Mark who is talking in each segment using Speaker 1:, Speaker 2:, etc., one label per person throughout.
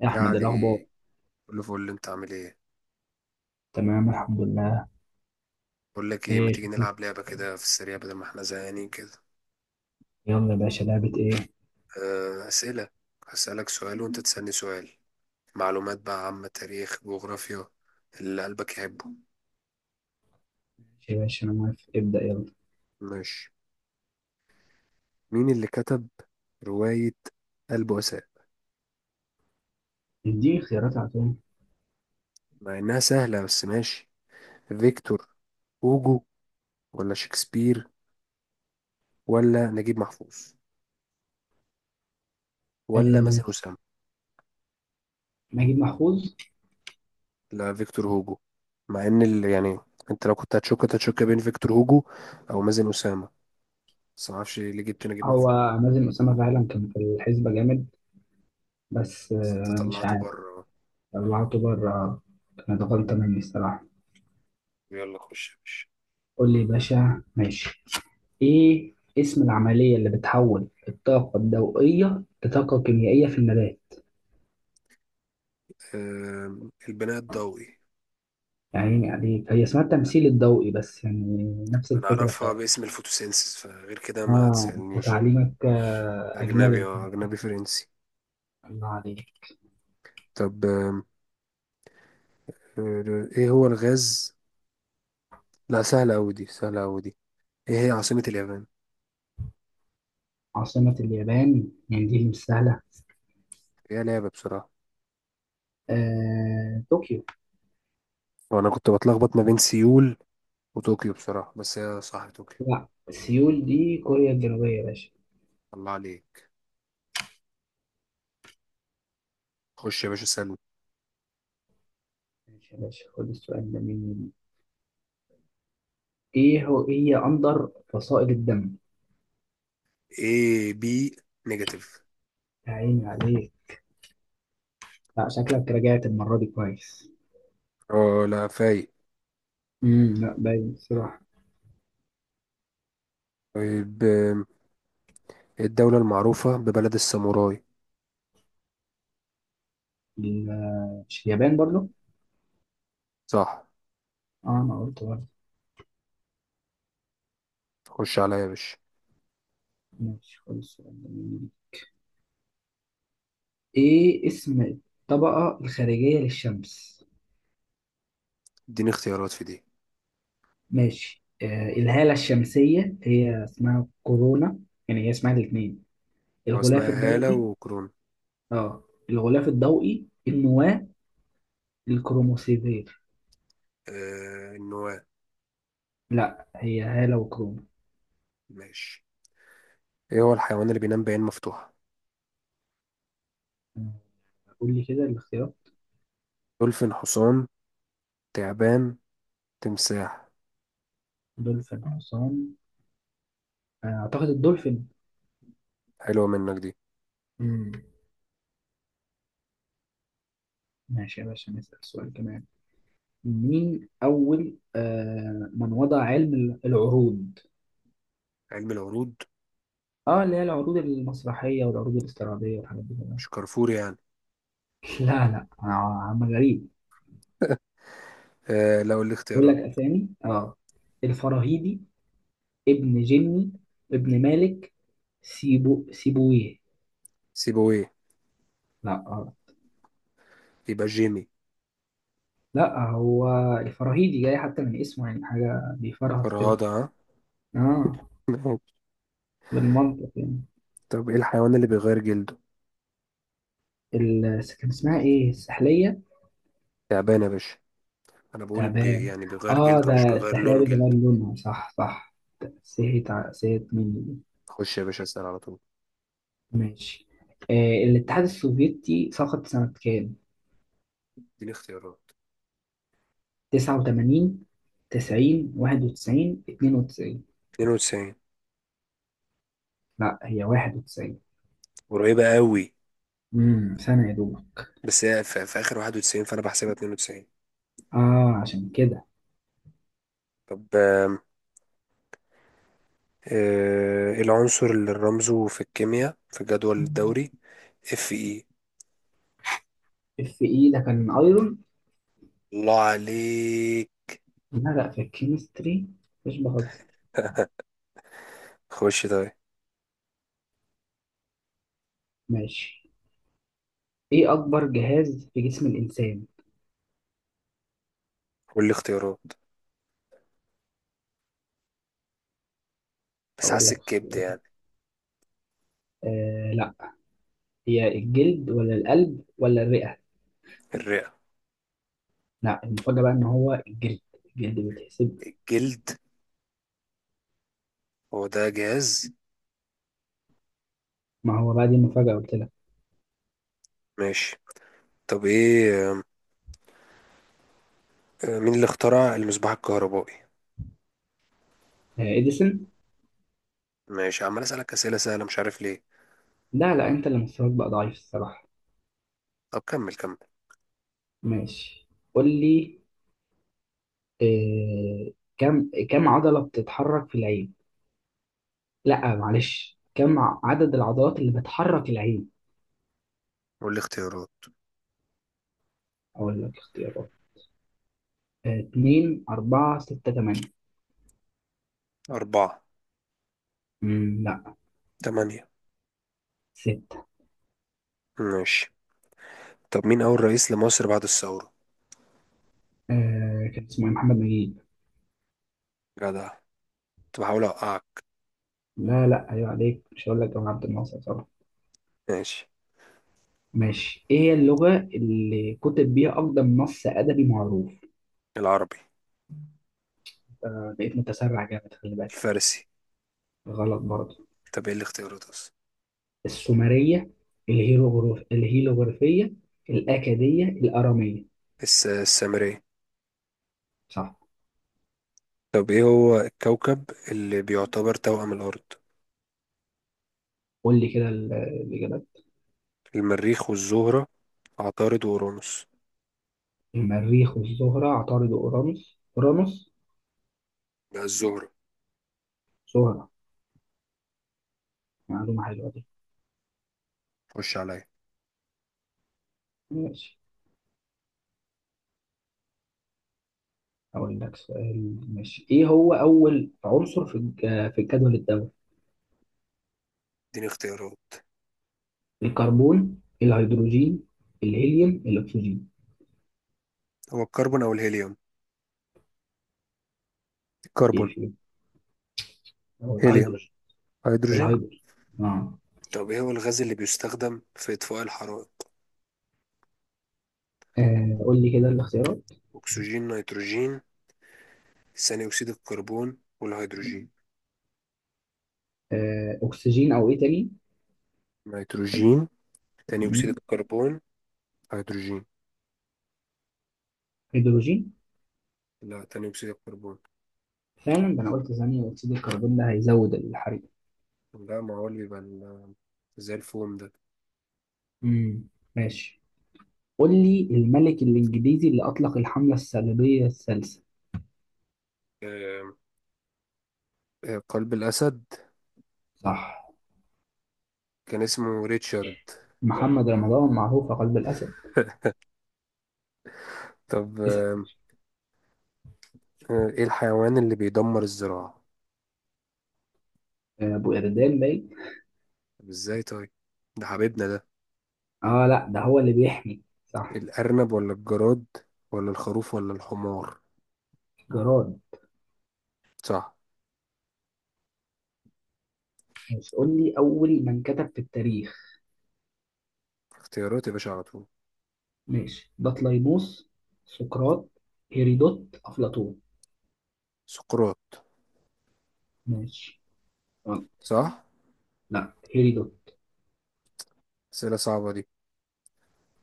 Speaker 1: يا
Speaker 2: يا
Speaker 1: احمد، إيه
Speaker 2: علي،
Speaker 1: الاخبار؟
Speaker 2: كله فل. انت عامل ايه؟
Speaker 1: تمام الحمد لله.
Speaker 2: بقول لك ايه، ما
Speaker 1: ايه
Speaker 2: تيجي
Speaker 1: شكلك؟
Speaker 2: نلعب لعبه كده في السريع بدل ما احنا زهقانين كده.
Speaker 1: يلا يا باشا، لعبه ايه؟
Speaker 2: اسئله. هسألك سؤال وانت تسألني سؤال. معلومات بقى عامه، تاريخ، جغرافيا، اللي قلبك يحبه.
Speaker 1: ماشي يا باشا، انا موافق، ابدا يلا.
Speaker 2: ماشي. مين اللي كتب روايه البؤساء؟
Speaker 1: اديني خيارات على طول.
Speaker 2: مع انها سهله بس ماشي. فيكتور هوجو، ولا شكسبير، ولا نجيب محفوظ، ولا
Speaker 1: آه
Speaker 2: مثلا.
Speaker 1: نجيب محفوظ.
Speaker 2: لا فيكتور هوجو. مع ان ال... يعني انت لو كنت هتشك كنت هتشك بين فيكتور هوجو او مازن اسامه. بس ما اعرفش ليه جبت نجيب
Speaker 1: هو
Speaker 2: محفوظ.
Speaker 1: مازن اسامه فعلا كان في الحسبه جامد، بس
Speaker 2: بس انت
Speaker 1: مش
Speaker 2: طلعته
Speaker 1: عارف.
Speaker 2: بره.
Speaker 1: طلعته بره، كانت غلطه مني الصراحه.
Speaker 2: يلا خش يا باشا.
Speaker 1: قول لي يا باشا ماشي. ايه اسم العمليه اللي بتحول الطاقه الضوئيه لطاقه كيميائيه في النبات؟
Speaker 2: البناء الضوئي.
Speaker 1: يعني هي اسمها التمثيل الضوئي، بس يعني نفس
Speaker 2: انا
Speaker 1: الفكره.
Speaker 2: اعرفها باسم الفوتوسينسيس، فغير كده ما
Speaker 1: أنت
Speaker 2: تسالنيش.
Speaker 1: تعليمك أجنبي
Speaker 2: اجنبي،
Speaker 1: أنت؟
Speaker 2: اه اجنبي فرنسي.
Speaker 1: الله عليك.
Speaker 2: طب ايه هو الغاز؟ لا سهله قوي دي، سهله قوي دي. ايه هي عاصمه اليابان؟
Speaker 1: عاصمة اليابان، يعني دي مش سهلة.
Speaker 2: هي لعبه بصراحه.
Speaker 1: طوكيو.
Speaker 2: وانا كنت بتلخبط ما بين سيول وطوكيو بصراحه، بس هي صح طوكيو.
Speaker 1: لا، سيول دي كوريا الجنوبية يا باشا.
Speaker 2: الله عليك. خش يا باشا سلمى.
Speaker 1: ماشي يا باشا، خد السؤال ده مني. إيه هي أندر فصائل الدم؟
Speaker 2: اي بي نيجاتيف.
Speaker 1: يا عيني عليك. لا، شكلك رجعت المرة دي كويس.
Speaker 2: اه لا فايق.
Speaker 1: لا، باين بصراحة.
Speaker 2: طيب الدولة المعروفة ببلد الساموراي.
Speaker 1: ال- مش اليابان برضو؟
Speaker 2: صح.
Speaker 1: اه، أنا قلت برضه.
Speaker 2: خش عليا يا باشا.
Speaker 1: ماشي، خد السؤال ده مني. إيه اسم الطبقة الخارجية للشمس؟
Speaker 2: اديني اختيارات في دي.
Speaker 1: ماشي. الهالة الشمسية، هي اسمها كورونا. يعني هي اسمها الاثنين.
Speaker 2: هو
Speaker 1: الغلاف
Speaker 2: اسمها هالة
Speaker 1: الضوئي.
Speaker 2: وكرون؟
Speaker 1: اه، الغلاف الضوئي، النواة، الكروموسيفير.
Speaker 2: النواه.
Speaker 1: لا، هي هالة وكرونا.
Speaker 2: ماشي. ايه هو الحيوان اللي بينام بعين مفتوحة؟
Speaker 1: آه، قول لي كده الاختيارات.
Speaker 2: دولفين، حصان، تعبان، تمساح.
Speaker 1: دولفين، حصان. اعتقد الدولفين.
Speaker 2: حلوة منك دي.
Speaker 1: مم. ماشي يا باشا، نسأل سؤال كمان. مين أول من وضع علم العروض؟
Speaker 2: علم العروض.
Speaker 1: اه، اللي هي العروض المسرحية والعروض الاستعراضية والحاجات دي كده.
Speaker 2: مش كارفور يعني.
Speaker 1: لا لا، عم غريب.
Speaker 2: لو اللي
Speaker 1: بقول لك
Speaker 2: اختيارات.
Speaker 1: اسامي، اه، الفراهيدي، ابن جني، ابن مالك، سيبويه.
Speaker 2: سيبويه.
Speaker 1: لا.
Speaker 2: يبقى جيمي.
Speaker 1: لا، هو الفراهيدي جاي حتى من اسمه، يعني حاجة بيفرهد كده.
Speaker 2: فرهاده ها.
Speaker 1: اه، بالمنطق يعني.
Speaker 2: طب ايه الحيوان اللي بيغير جلده؟
Speaker 1: كان اسمها ايه؟ السحلية،
Speaker 2: تعبان يا باشا. انا بقول بي
Speaker 1: تعبان.
Speaker 2: يعني بيغير
Speaker 1: اه،
Speaker 2: جلده مش
Speaker 1: ده
Speaker 2: بيغير لون
Speaker 1: السحلية
Speaker 2: جلده.
Speaker 1: بجمال لونها، صح صح. سهيت مني دي.
Speaker 2: خش يا باشا اسأل على طول.
Speaker 1: ماشي. الاتحاد السوفيتي سقط سنة كام؟
Speaker 2: اديني اختيارات.
Speaker 1: 89، 90، 91، 92.
Speaker 2: 92.
Speaker 1: لا، هي 91.
Speaker 2: قريبة قوي.
Speaker 1: سنة يا دوب.
Speaker 2: بس هي في آخر 91 فأنا بحسبها 92.
Speaker 1: اه عشان كده.
Speaker 2: طب إيه العنصر اللي رمزه في الكيمياء في الجدول الدوري؟ اف اي.
Speaker 1: اف اي ده كان ايرون.
Speaker 2: الله عليك.
Speaker 1: لا لا، في الكيمستري، مش بهزر.
Speaker 2: خش طيب.
Speaker 1: ماشي، ايه اكبر جهاز في جسم الانسان؟
Speaker 2: قول لي اختيارات. بس
Speaker 1: اقول
Speaker 2: حاسس
Speaker 1: لك
Speaker 2: الكبد
Speaker 1: اختيارات.
Speaker 2: يعني.
Speaker 1: لا، هي الجلد ولا القلب ولا الرئة؟
Speaker 2: الرئة.
Speaker 1: لا، المفاجأة بقى ان هو الجلد. الجلد بيتحسب.
Speaker 2: الجلد. هو ده جهاز؟
Speaker 1: ما هو بقى، دي المفاجأة قلت لك.
Speaker 2: ماشي. طب ايه مين اللي اخترع المصباح الكهربائي؟
Speaker 1: اديسون.
Speaker 2: ماشي، عمال أسألك أسئلة سهلة مش عارف ليه.
Speaker 1: لا لا، انت اللي مستواك بقى ضعيف الصراحة.
Speaker 2: طب كمل كمل.
Speaker 1: ماشي قول لي. آه كم عضلة بتتحرك في العين؟ لا معلش، عدد العضلات اللي بتحرك العين؟
Speaker 2: قول لي اختيارات.
Speaker 1: اقول لك اختيارات. اتنين، اربعة، ستة، تمانية.
Speaker 2: أربعة.
Speaker 1: لا.
Speaker 2: تمانية.
Speaker 1: ستة.
Speaker 2: ماشي. طب مين أول رئيس لمصر بعد الثورة؟
Speaker 1: كان اسمه إيه؟ محمد نجيب.
Speaker 2: جدع. كنت بحاول أوقعك.
Speaker 1: لا لا، ايوه عليك، مش هقول لك جمال عبد الناصر صراحة.
Speaker 2: ماشي.
Speaker 1: ماشي، ايه هي اللغة اللي كتب بيها اقدم نص ادبي معروف؟
Speaker 2: العربي.
Speaker 1: بقيت متسرع جامد، خلي بالك.
Speaker 2: الفارسي.
Speaker 1: غلط برضه.
Speaker 2: طب إيه الاختيارات أصلا؟
Speaker 1: السومرية، الهيروغليفية، الاكادية، الارامية.
Speaker 2: السامري.
Speaker 1: صح.
Speaker 2: طب إيه هو الكوكب اللي بيعتبر توأم الأرض؟
Speaker 1: قول لي كده الاجابات.
Speaker 2: المريخ والزهرة، عطارد وأورانوس.
Speaker 1: المريخ والزهرة، عطارد وأورانوس. أورانوس؟
Speaker 2: لا الزهرة.
Speaker 1: زهرة. معلومة حلوة دي.
Speaker 2: خش عليا.
Speaker 1: ماشي. أقول لك سؤال، ماشي. إيه هو أول عنصر في في الجدول الدوري؟
Speaker 2: اديني اختيارات.
Speaker 1: الكربون، الهيدروجين، الهيليوم، الأكسجين.
Speaker 2: هو الكربون أو الهيليوم. الكربون.
Speaker 1: إيه فيهم؟ هو
Speaker 2: هيليوم.
Speaker 1: الهيدروجين.
Speaker 2: هيدروجين.
Speaker 1: الهيدروجين. آه.
Speaker 2: طب ايه هو الغاز اللي بيستخدم في إطفاء الحرائق؟
Speaker 1: قول لي كده الاختيارات.
Speaker 2: أكسجين، نيتروجين، ثاني أكسيد الكربون، والهيدروجين.
Speaker 1: أكسجين أو إيه تاني؟
Speaker 2: نيتروجين. ثاني أكسيد
Speaker 1: مم.
Speaker 2: الكربون. هيدروجين.
Speaker 1: هيدروجين.
Speaker 2: لا ثاني أكسيد الكربون.
Speaker 1: فعلا ده، أنا قلت ثانية أكسيد الكربون ده هيزود الحريق.
Speaker 2: لا ما هو اللي بيبقى زي الفوم ده.
Speaker 1: مم. ماشي، قول لي الملك الإنجليزي اللي أطلق الحملة الصليبية الثالثة.
Speaker 2: آم، قلب الأسد.
Speaker 1: صح، صح.
Speaker 2: كان اسمه ريتشارد.
Speaker 1: محمد رمضان معروف قلب الأسد.
Speaker 2: طب
Speaker 1: اسأل.
Speaker 2: ايه الحيوان اللي بيدمر الزراعة؟
Speaker 1: أبو إردان باين.
Speaker 2: طب ازاي طيب؟ ده حبيبنا ده.
Speaker 1: آه لا، ده هو اللي بيحمي. صح.
Speaker 2: الأرنب ولا الجراد، ولا الخروف ولا الحمار.
Speaker 1: جراد.
Speaker 2: صح.
Speaker 1: ماشي، قول لي أول من كتب في التاريخ.
Speaker 2: اختيارات يا باشا على طول.
Speaker 1: ماشي، بطليموس، سقراط، هيرودوت، أفلاطون.
Speaker 2: سقراط.
Speaker 1: ماشي. آه،
Speaker 2: صح.
Speaker 1: لا، هيرودوت.
Speaker 2: اسئله صعبه دي.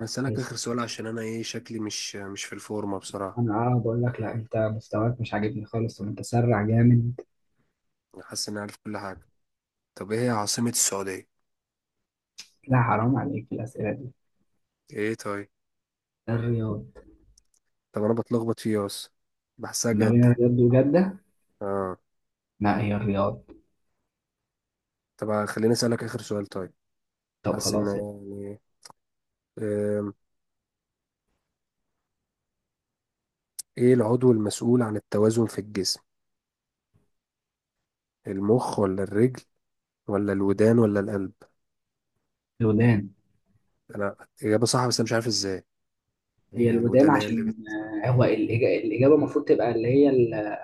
Speaker 2: هسألك
Speaker 1: ماشي.
Speaker 2: اخر سؤال عشان انا ايه، شكلي مش في الفورمه بصراحه.
Speaker 1: أنا بقول لك، لا، أنت مستواك مش عاجبني خالص ومتسرع جامد.
Speaker 2: أنا حاسس اني عارف كل حاجه. طب ايه هي عاصمه السعوديه؟
Speaker 1: لا حرام عليك الأسئلة دي.
Speaker 2: ايه طيب.
Speaker 1: الرياض.
Speaker 2: طب انا بتلخبط فيه بس. بحسها
Speaker 1: ما بين
Speaker 2: جده.
Speaker 1: الرياض وجدة.
Speaker 2: اه.
Speaker 1: لا، هي الرياض.
Speaker 2: طب خليني اسالك اخر سؤال طيب.
Speaker 1: طب
Speaker 2: حاسس ان،
Speaker 1: خلاص.
Speaker 2: يعني، آم، ايه العضو المسؤول عن التوازن في الجسم؟ المخ ولا الرجل، ولا الودان ولا القلب.
Speaker 1: الودان.
Speaker 2: انا اجابه صح بس انا مش عارف ازاي.
Speaker 1: هي
Speaker 2: يعني
Speaker 1: الودان
Speaker 2: الودان هي اللي
Speaker 1: عشان هو الإجابة المفروض تبقى اللي هي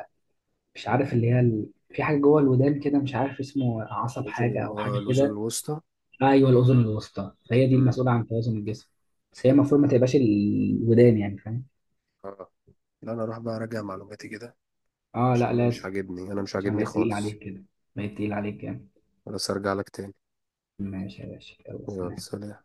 Speaker 1: مش عارف، اللي هي ال... في حاجة جوه الودان كده، مش عارف اسمه، عصب
Speaker 2: بتوزن
Speaker 1: حاجة أو حاجة
Speaker 2: الاذن
Speaker 1: كده.
Speaker 2: الوسطى.
Speaker 1: أيوه، الأذن الوسطى، فهي دي
Speaker 2: مم.
Speaker 1: المسؤولة عن توازن الجسم. بس هي المفروض ما تبقاش الودان، يعني فاهم.
Speaker 2: اه لا انا اروح بقى اراجع معلوماتي كده،
Speaker 1: اه
Speaker 2: عشان
Speaker 1: لا،
Speaker 2: انا مش
Speaker 1: لازم.
Speaker 2: عاجبني، انا مش
Speaker 1: عشان
Speaker 2: عاجبني
Speaker 1: بقيت تقيل
Speaker 2: خالص.
Speaker 1: عليك كده، بقيت تقيل عليك جامد.
Speaker 2: خلاص ارجع لك تاني.
Speaker 1: ماشي يا باشا، يلا
Speaker 2: يلا
Speaker 1: سلام.
Speaker 2: سلام.